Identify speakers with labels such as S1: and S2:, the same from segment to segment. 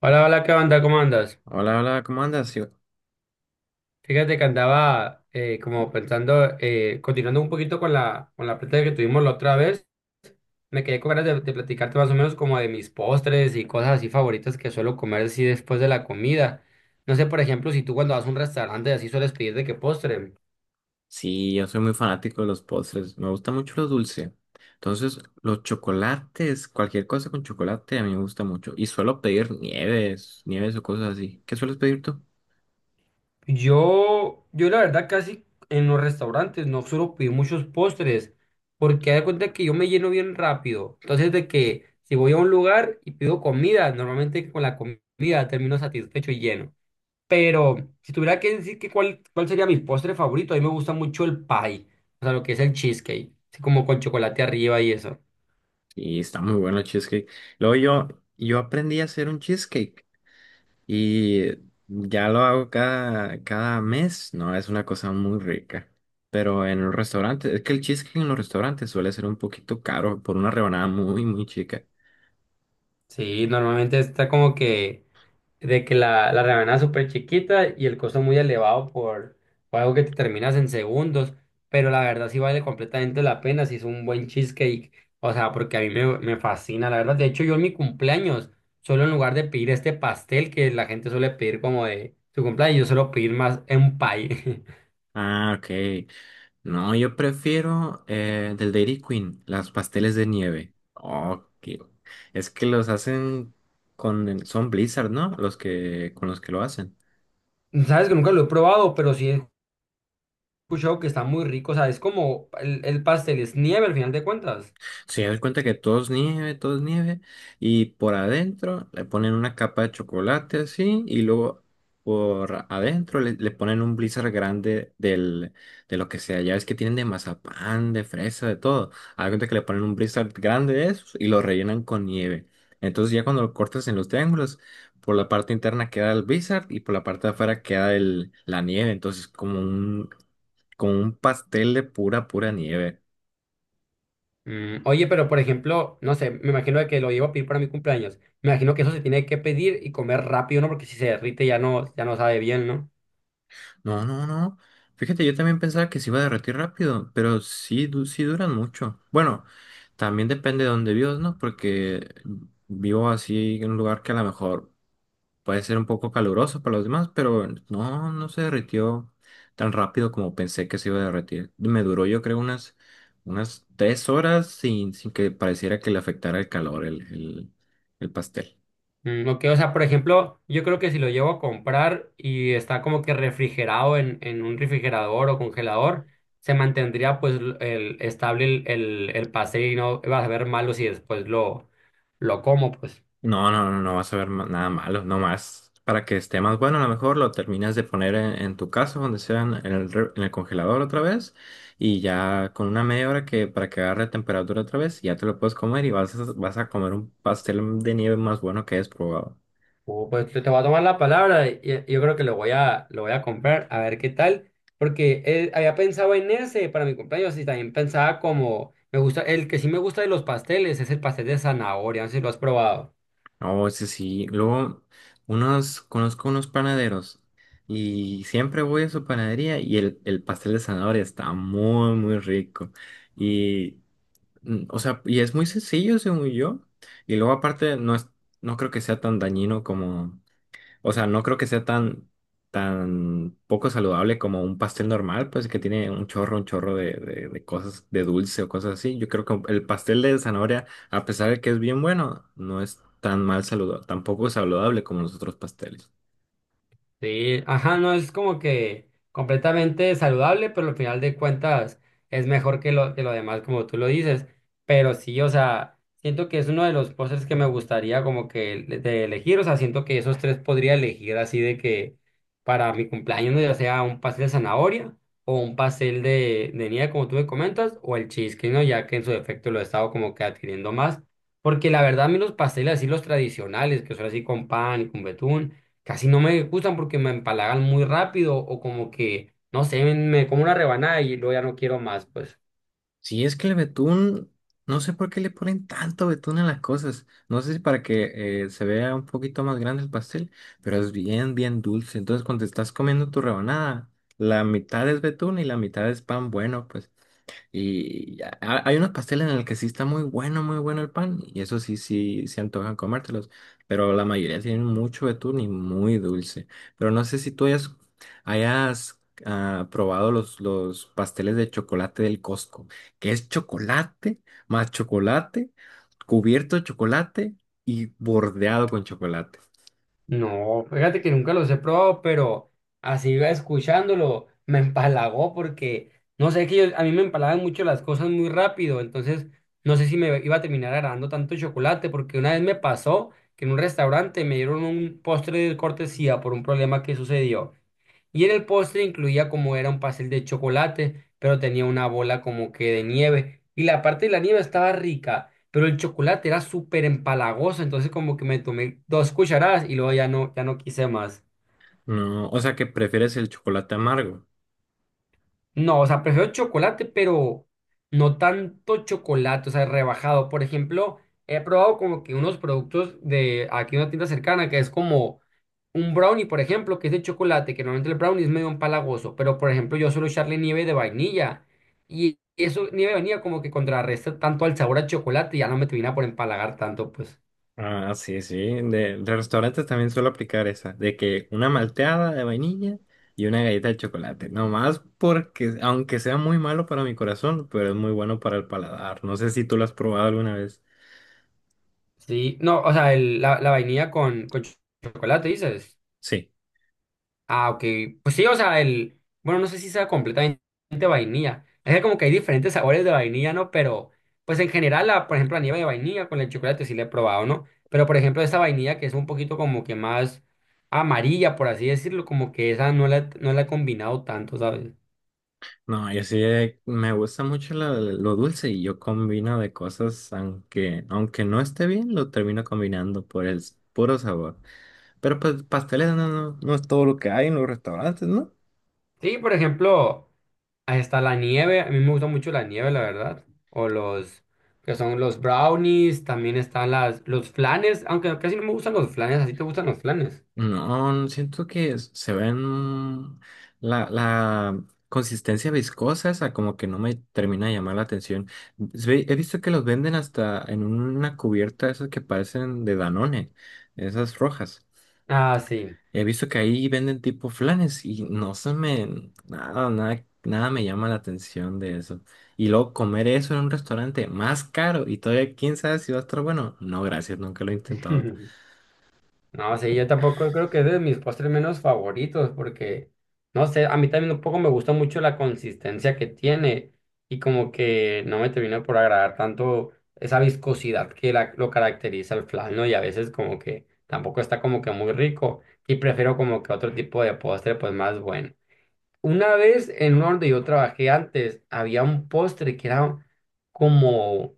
S1: Hola, hola, ¿qué onda? ¿Cómo andas?
S2: Hola, hola, ¿cómo andas?
S1: Fíjate que andaba como pensando, continuando un poquito con con la plática que tuvimos la otra vez, me quedé con ganas de platicarte más o menos como de mis postres y cosas así favoritas que suelo comer así después de la comida. No sé, por ejemplo, si tú cuando vas a un restaurante así sueles pedir de qué postre.
S2: Sí, yo soy muy fanático de los postres, me gusta mucho lo dulce. Entonces, los chocolates, cualquier cosa con chocolate a mí me gusta mucho. Y suelo pedir nieves o cosas así. ¿Qué sueles pedir tú?
S1: Yo la verdad casi en los restaurantes no suelo pedir muchos postres porque hay cuenta que yo me lleno bien rápido. Entonces de que si voy a un lugar y pido comida, normalmente con la comida termino satisfecho y lleno. Pero si tuviera que decir que cuál sería mi postre favorito, a mí me gusta mucho el pie, o sea, lo que es el cheesecake, así como con chocolate arriba y eso.
S2: Y está muy bueno el cheesecake. Luego yo aprendí a hacer un cheesecake y ya lo hago cada mes. No, es una cosa muy rica. Pero en un restaurante, es que el cheesecake en los restaurantes suele ser un poquito caro por una rebanada muy chica.
S1: Sí, normalmente está como que de que la rebanada es súper chiquita y el costo muy elevado por algo que te terminas en segundos, pero la verdad sí vale completamente la pena si es un buen cheesecake, o sea, porque a mí me fascina, la verdad. De hecho, yo en mi cumpleaños, solo en lugar de pedir este pastel que la gente suele pedir como de su cumpleaños, yo suelo pedir más un pie.
S2: Ah, ok. No, yo prefiero del Dairy Queen, las pasteles de nieve. Es que los hacen son Blizzard, ¿no? Los que con los que lo hacen.
S1: Sabes que nunca lo he probado, pero sí he escuchado que está muy rico, o sea, es como el pastel, es nieve al final de cuentas.
S2: Se dan cuenta que todo es nieve, y por adentro le ponen una capa de chocolate así, y luego por adentro le ponen un blizzard grande de lo que sea. Ya ves que tienen de mazapán, de fresa, de todo. Hagan cuenta que le ponen un blizzard grande de esos y lo rellenan con nieve. Entonces ya cuando lo cortas en los triángulos, por la parte interna queda el blizzard y por la parte de afuera queda la nieve. Entonces como un pastel de pura nieve.
S1: Mm, oye, pero por ejemplo, no sé, me imagino de que lo llevo a pedir para mi cumpleaños. Me imagino que eso se tiene que pedir y comer rápido, ¿no? Porque si se derrite ya no sabe bien, ¿no?
S2: No, no, no. Fíjate, yo también pensaba que se iba a derretir rápido, pero sí, sí duran mucho. Bueno, también depende de dónde vivas, ¿no? Porque vivo así en un lugar que a lo mejor puede ser un poco caluroso para los demás, pero no, no se derritió tan rápido como pensé que se iba a derretir. Me duró, yo creo, unas 3 horas sin que pareciera que le afectara el calor, el pastel.
S1: Mm, ok, o sea, por ejemplo, yo creo que si lo llevo a comprar y está como que refrigerado en un refrigerador o congelador, se mantendría pues l- el, estable el pastel y no va a saber malo si después lo como, pues.
S2: No, no, no vas a ver nada malo, no más. Para que esté más bueno, a lo mejor lo terminas de poner en tu casa, donde sea, en en el congelador otra vez, y ya con una media hora que para que agarre temperatura otra vez, ya te lo puedes comer y vas a, vas a comer un pastel de nieve más bueno que hayas probado.
S1: Pues te voy a tomar la palabra y yo creo que lo voy a comprar a ver qué tal, porque había pensado en ese para mi cumpleaños y también pensaba como, me gusta, el que sí me gusta de los pasteles es el pastel de zanahoria, no sé si lo has probado.
S2: No, ese sí. Luego, unos, conozco unos panaderos y siempre voy a su panadería y el pastel de zanahoria está muy rico. Y. Mm, o sea, y es muy sencillo, según yo. Y luego aparte no creo que sea tan dañino como, o sea, no creo que sea tan poco saludable como un pastel normal, pues que tiene un chorro de cosas, de dulce o cosas así. Yo creo que el pastel de zanahoria, a pesar de que es bien bueno, no es tan mal saludable, tampoco saludable como los otros pasteles.
S1: Sí, ajá, no es como que completamente saludable, pero al final de cuentas es mejor que que lo demás, como tú lo dices. Pero sí, o sea, siento que es uno de los postres que me gustaría como que le- de elegir, o sea, siento que esos tres podría elegir así de que para mi cumpleaños, ¿no? Ya sea un pastel de zanahoria o un pastel de nieve, como tú me comentas, o el cheesecake, ¿no? Ya que en su defecto lo he estado como que adquiriendo más. Porque la verdad, a mí los pasteles así, los tradicionales, que son así con pan y con betún casi no me gustan porque me empalagan muy rápido o como que, no sé, me como una rebanada y luego ya no quiero más, pues.
S2: Sí, es que el betún, no sé por qué le ponen tanto betún a las cosas. No sé si para que se vea un poquito más grande el pastel, pero es bien dulce. Entonces, cuando te estás comiendo tu rebanada, la mitad es betún y la mitad es pan bueno, pues. Y ha- hay unos pasteles en el que sí está muy bueno, muy bueno el pan, y eso sí, sí, se antojan comértelos, pero la mayoría tienen mucho betún y muy dulce. Pero no sé si tú hayas probado los pasteles de chocolate del Costco, que es chocolate más chocolate, cubierto de chocolate y bordeado con chocolate.
S1: No, fíjate que nunca los he probado, pero así iba escuchándolo, me empalagó porque, no sé, que yo- a mí me empalagan mucho las cosas muy rápido, entonces no sé si me iba a terminar agradando tanto chocolate porque una vez me pasó que en un restaurante me dieron un postre de cortesía por un problema que sucedió. Y en el postre incluía como era un pastel de chocolate, pero tenía una bola como que de nieve. Y la parte de la nieve estaba rica, pero el chocolate era súper empalagoso, entonces como que me tomé dos cucharadas y luego ya no quise más.
S2: No, o sea que prefieres el chocolate amargo.
S1: No, o sea, prefiero chocolate, pero no tanto chocolate, o sea, rebajado. Por ejemplo, he probado como que unos productos de aquí una tienda cercana que es como un brownie, por ejemplo, que es de chocolate, que normalmente el brownie es medio empalagoso, pero por ejemplo, yo suelo echarle nieve de vainilla y eso, nieve de vainilla como que contrarresta tanto al sabor a chocolate y ya no me termina por empalagar tanto, pues.
S2: Ah, sí, sí. De restaurantes también suelo aplicar esa, de que una malteada de vainilla y una galleta de chocolate. Nomás porque, aunque sea muy malo para mi corazón, pero es muy bueno para el paladar. No sé si tú lo has probado alguna vez.
S1: Sí, no, o sea, el- la vainilla con ch- chocolate, dices.
S2: Sí.
S1: Ah, ok. Pues sí, o sea, el, bueno, no sé si sea completamente vainilla. Es que como que hay diferentes sabores de vainilla, ¿no? Pero, pues en general, la, por ejemplo, la nieve de vainilla con el chocolate sí la he probado, ¿no? Pero, por ejemplo, esta vainilla que es un poquito como que más amarilla, por así decirlo, como que esa no la he combinado tanto, ¿sabes?
S2: No, yo sí me gusta mucho lo dulce y yo combino de cosas, aunque no esté bien, lo termino combinando por puro sabor. Pero pues pasteles no, no, no es todo lo que hay en los restaurantes, ¿no?
S1: Sí, por ejemplo, hasta la nieve, a mí me gusta mucho la nieve, la verdad. O los, que son los brownies, también están las, los flanes, aunque casi no me gustan los flanes, ¿así te gustan los flanes?
S2: No, siento que se ven la consistencia viscosa, esa como que no me termina de llamar la atención. He visto que los venden hasta en una cubierta, esas que parecen de Danone, esas rojas.
S1: Ah, sí.
S2: He visto que ahí venden tipo flanes y no se me, nada me llama la atención de eso. Y luego comer eso en un restaurante más caro y todavía quién sabe si va a estar bueno. No, gracias, nunca lo he intentado.
S1: No, sí, yo tampoco creo que es de mis postres menos favoritos porque, no sé, a mí también un poco me gusta mucho la consistencia que tiene y como que no me termina por agradar tanto esa viscosidad que la- lo caracteriza el flan, ¿no? Y a veces como que tampoco está como que muy rico y prefiero como que otro tipo de postre pues más bueno. Una vez en uno donde yo trabajé antes había un postre que era como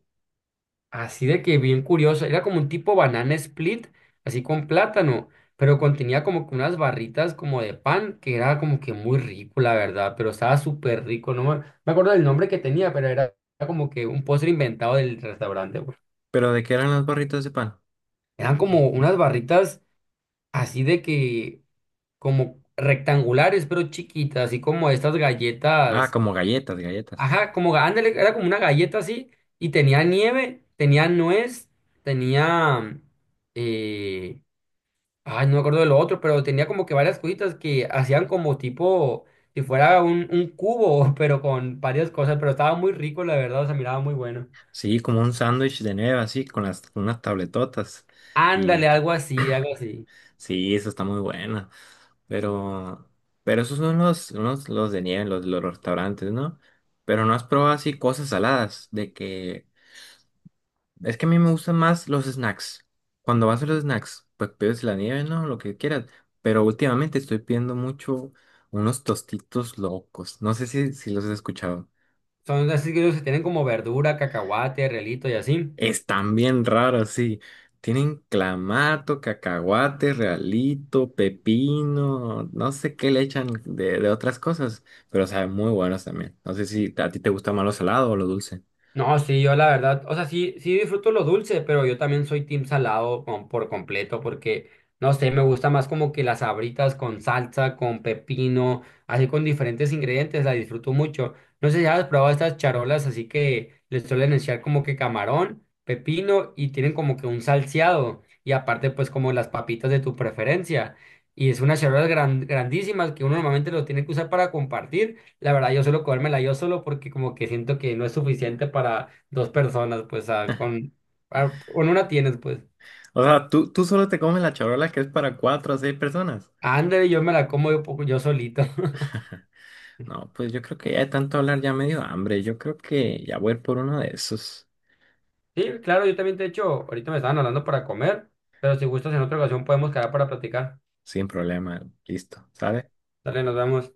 S1: Así de que bien curioso, era como un tipo banana split, así con plátano, pero contenía como que unas barritas como de pan, que era como que muy rico, la verdad, pero estaba súper rico, no me, me acuerdo del nombre que tenía, pero era como que un postre inventado del restaurante, pues.
S2: Pero ¿de qué eran las barritas de pan?
S1: Eran como unas barritas así de que, como rectangulares, pero chiquitas, así como estas
S2: Ah,
S1: galletas,
S2: como galletas, galletas.
S1: ajá, como, ga- ándale, era como una galleta así, y tenía nieve, tenía nuez, tenía eh, ay, no me acuerdo de lo otro, pero tenía como que varias cositas que hacían como tipo, si fuera un cubo, pero con varias cosas, pero estaba muy rico, la verdad, o sea, miraba muy bueno.
S2: Sí, como un sándwich de nieve así, con con unas tabletotas. Y
S1: Ándale, algo así, algo así.
S2: sí, eso está muy bueno. Pero, pero esos son los de nieve, los restaurantes, ¿no? Pero no has probado así cosas saladas, de que... Es que a mí me gustan más los snacks. Cuando vas a los snacks, pues pides la nieve, ¿no? Lo que quieras. Pero últimamente estoy pidiendo mucho unos tostitos locos. No sé si los has escuchado.
S1: Son así que ellos tienen como verdura, cacahuate, relito y así.
S2: Están bien raros, sí. Tienen clamato, cacahuate, realito, pepino, no sé qué le echan de otras cosas, pero saben muy buenos también. No sé si a ti te gusta más lo salado o lo dulce.
S1: No, sí, yo la verdad, o sea, sí, sí disfruto lo dulce, pero yo también soy team salado con- por completo, porque, no sé, me gusta más como que las sabritas con salsa, con pepino, así con diferentes ingredientes, la disfruto mucho. No sé si has probado estas charolas, así que les suelen echar como que camarón, pepino y tienen como que un salseado y aparte pues como las papitas de tu preferencia. Y es unas charolas gran- grandísimas que uno normalmente lo tiene que usar para compartir. La verdad, yo suelo comérmela yo solo porque como que siento que no es suficiente para dos personas, pues, con una tienes, pues.
S2: O sea, ¿ tú solo te comes la charola que es para 4 o 6 personas?
S1: Ándale, yo me la como yo, po- yo solito.
S2: No, pues yo creo que ya de tanto hablar ya me dio hambre. Yo creo que ya voy a ir por uno de esos
S1: Sí, claro, yo también, de hecho, ahorita me estaban hablando para comer, pero si gustas en otra ocasión podemos quedar para platicar.
S2: sin problema. Listo, ¿sabes?
S1: Dale, nos vemos.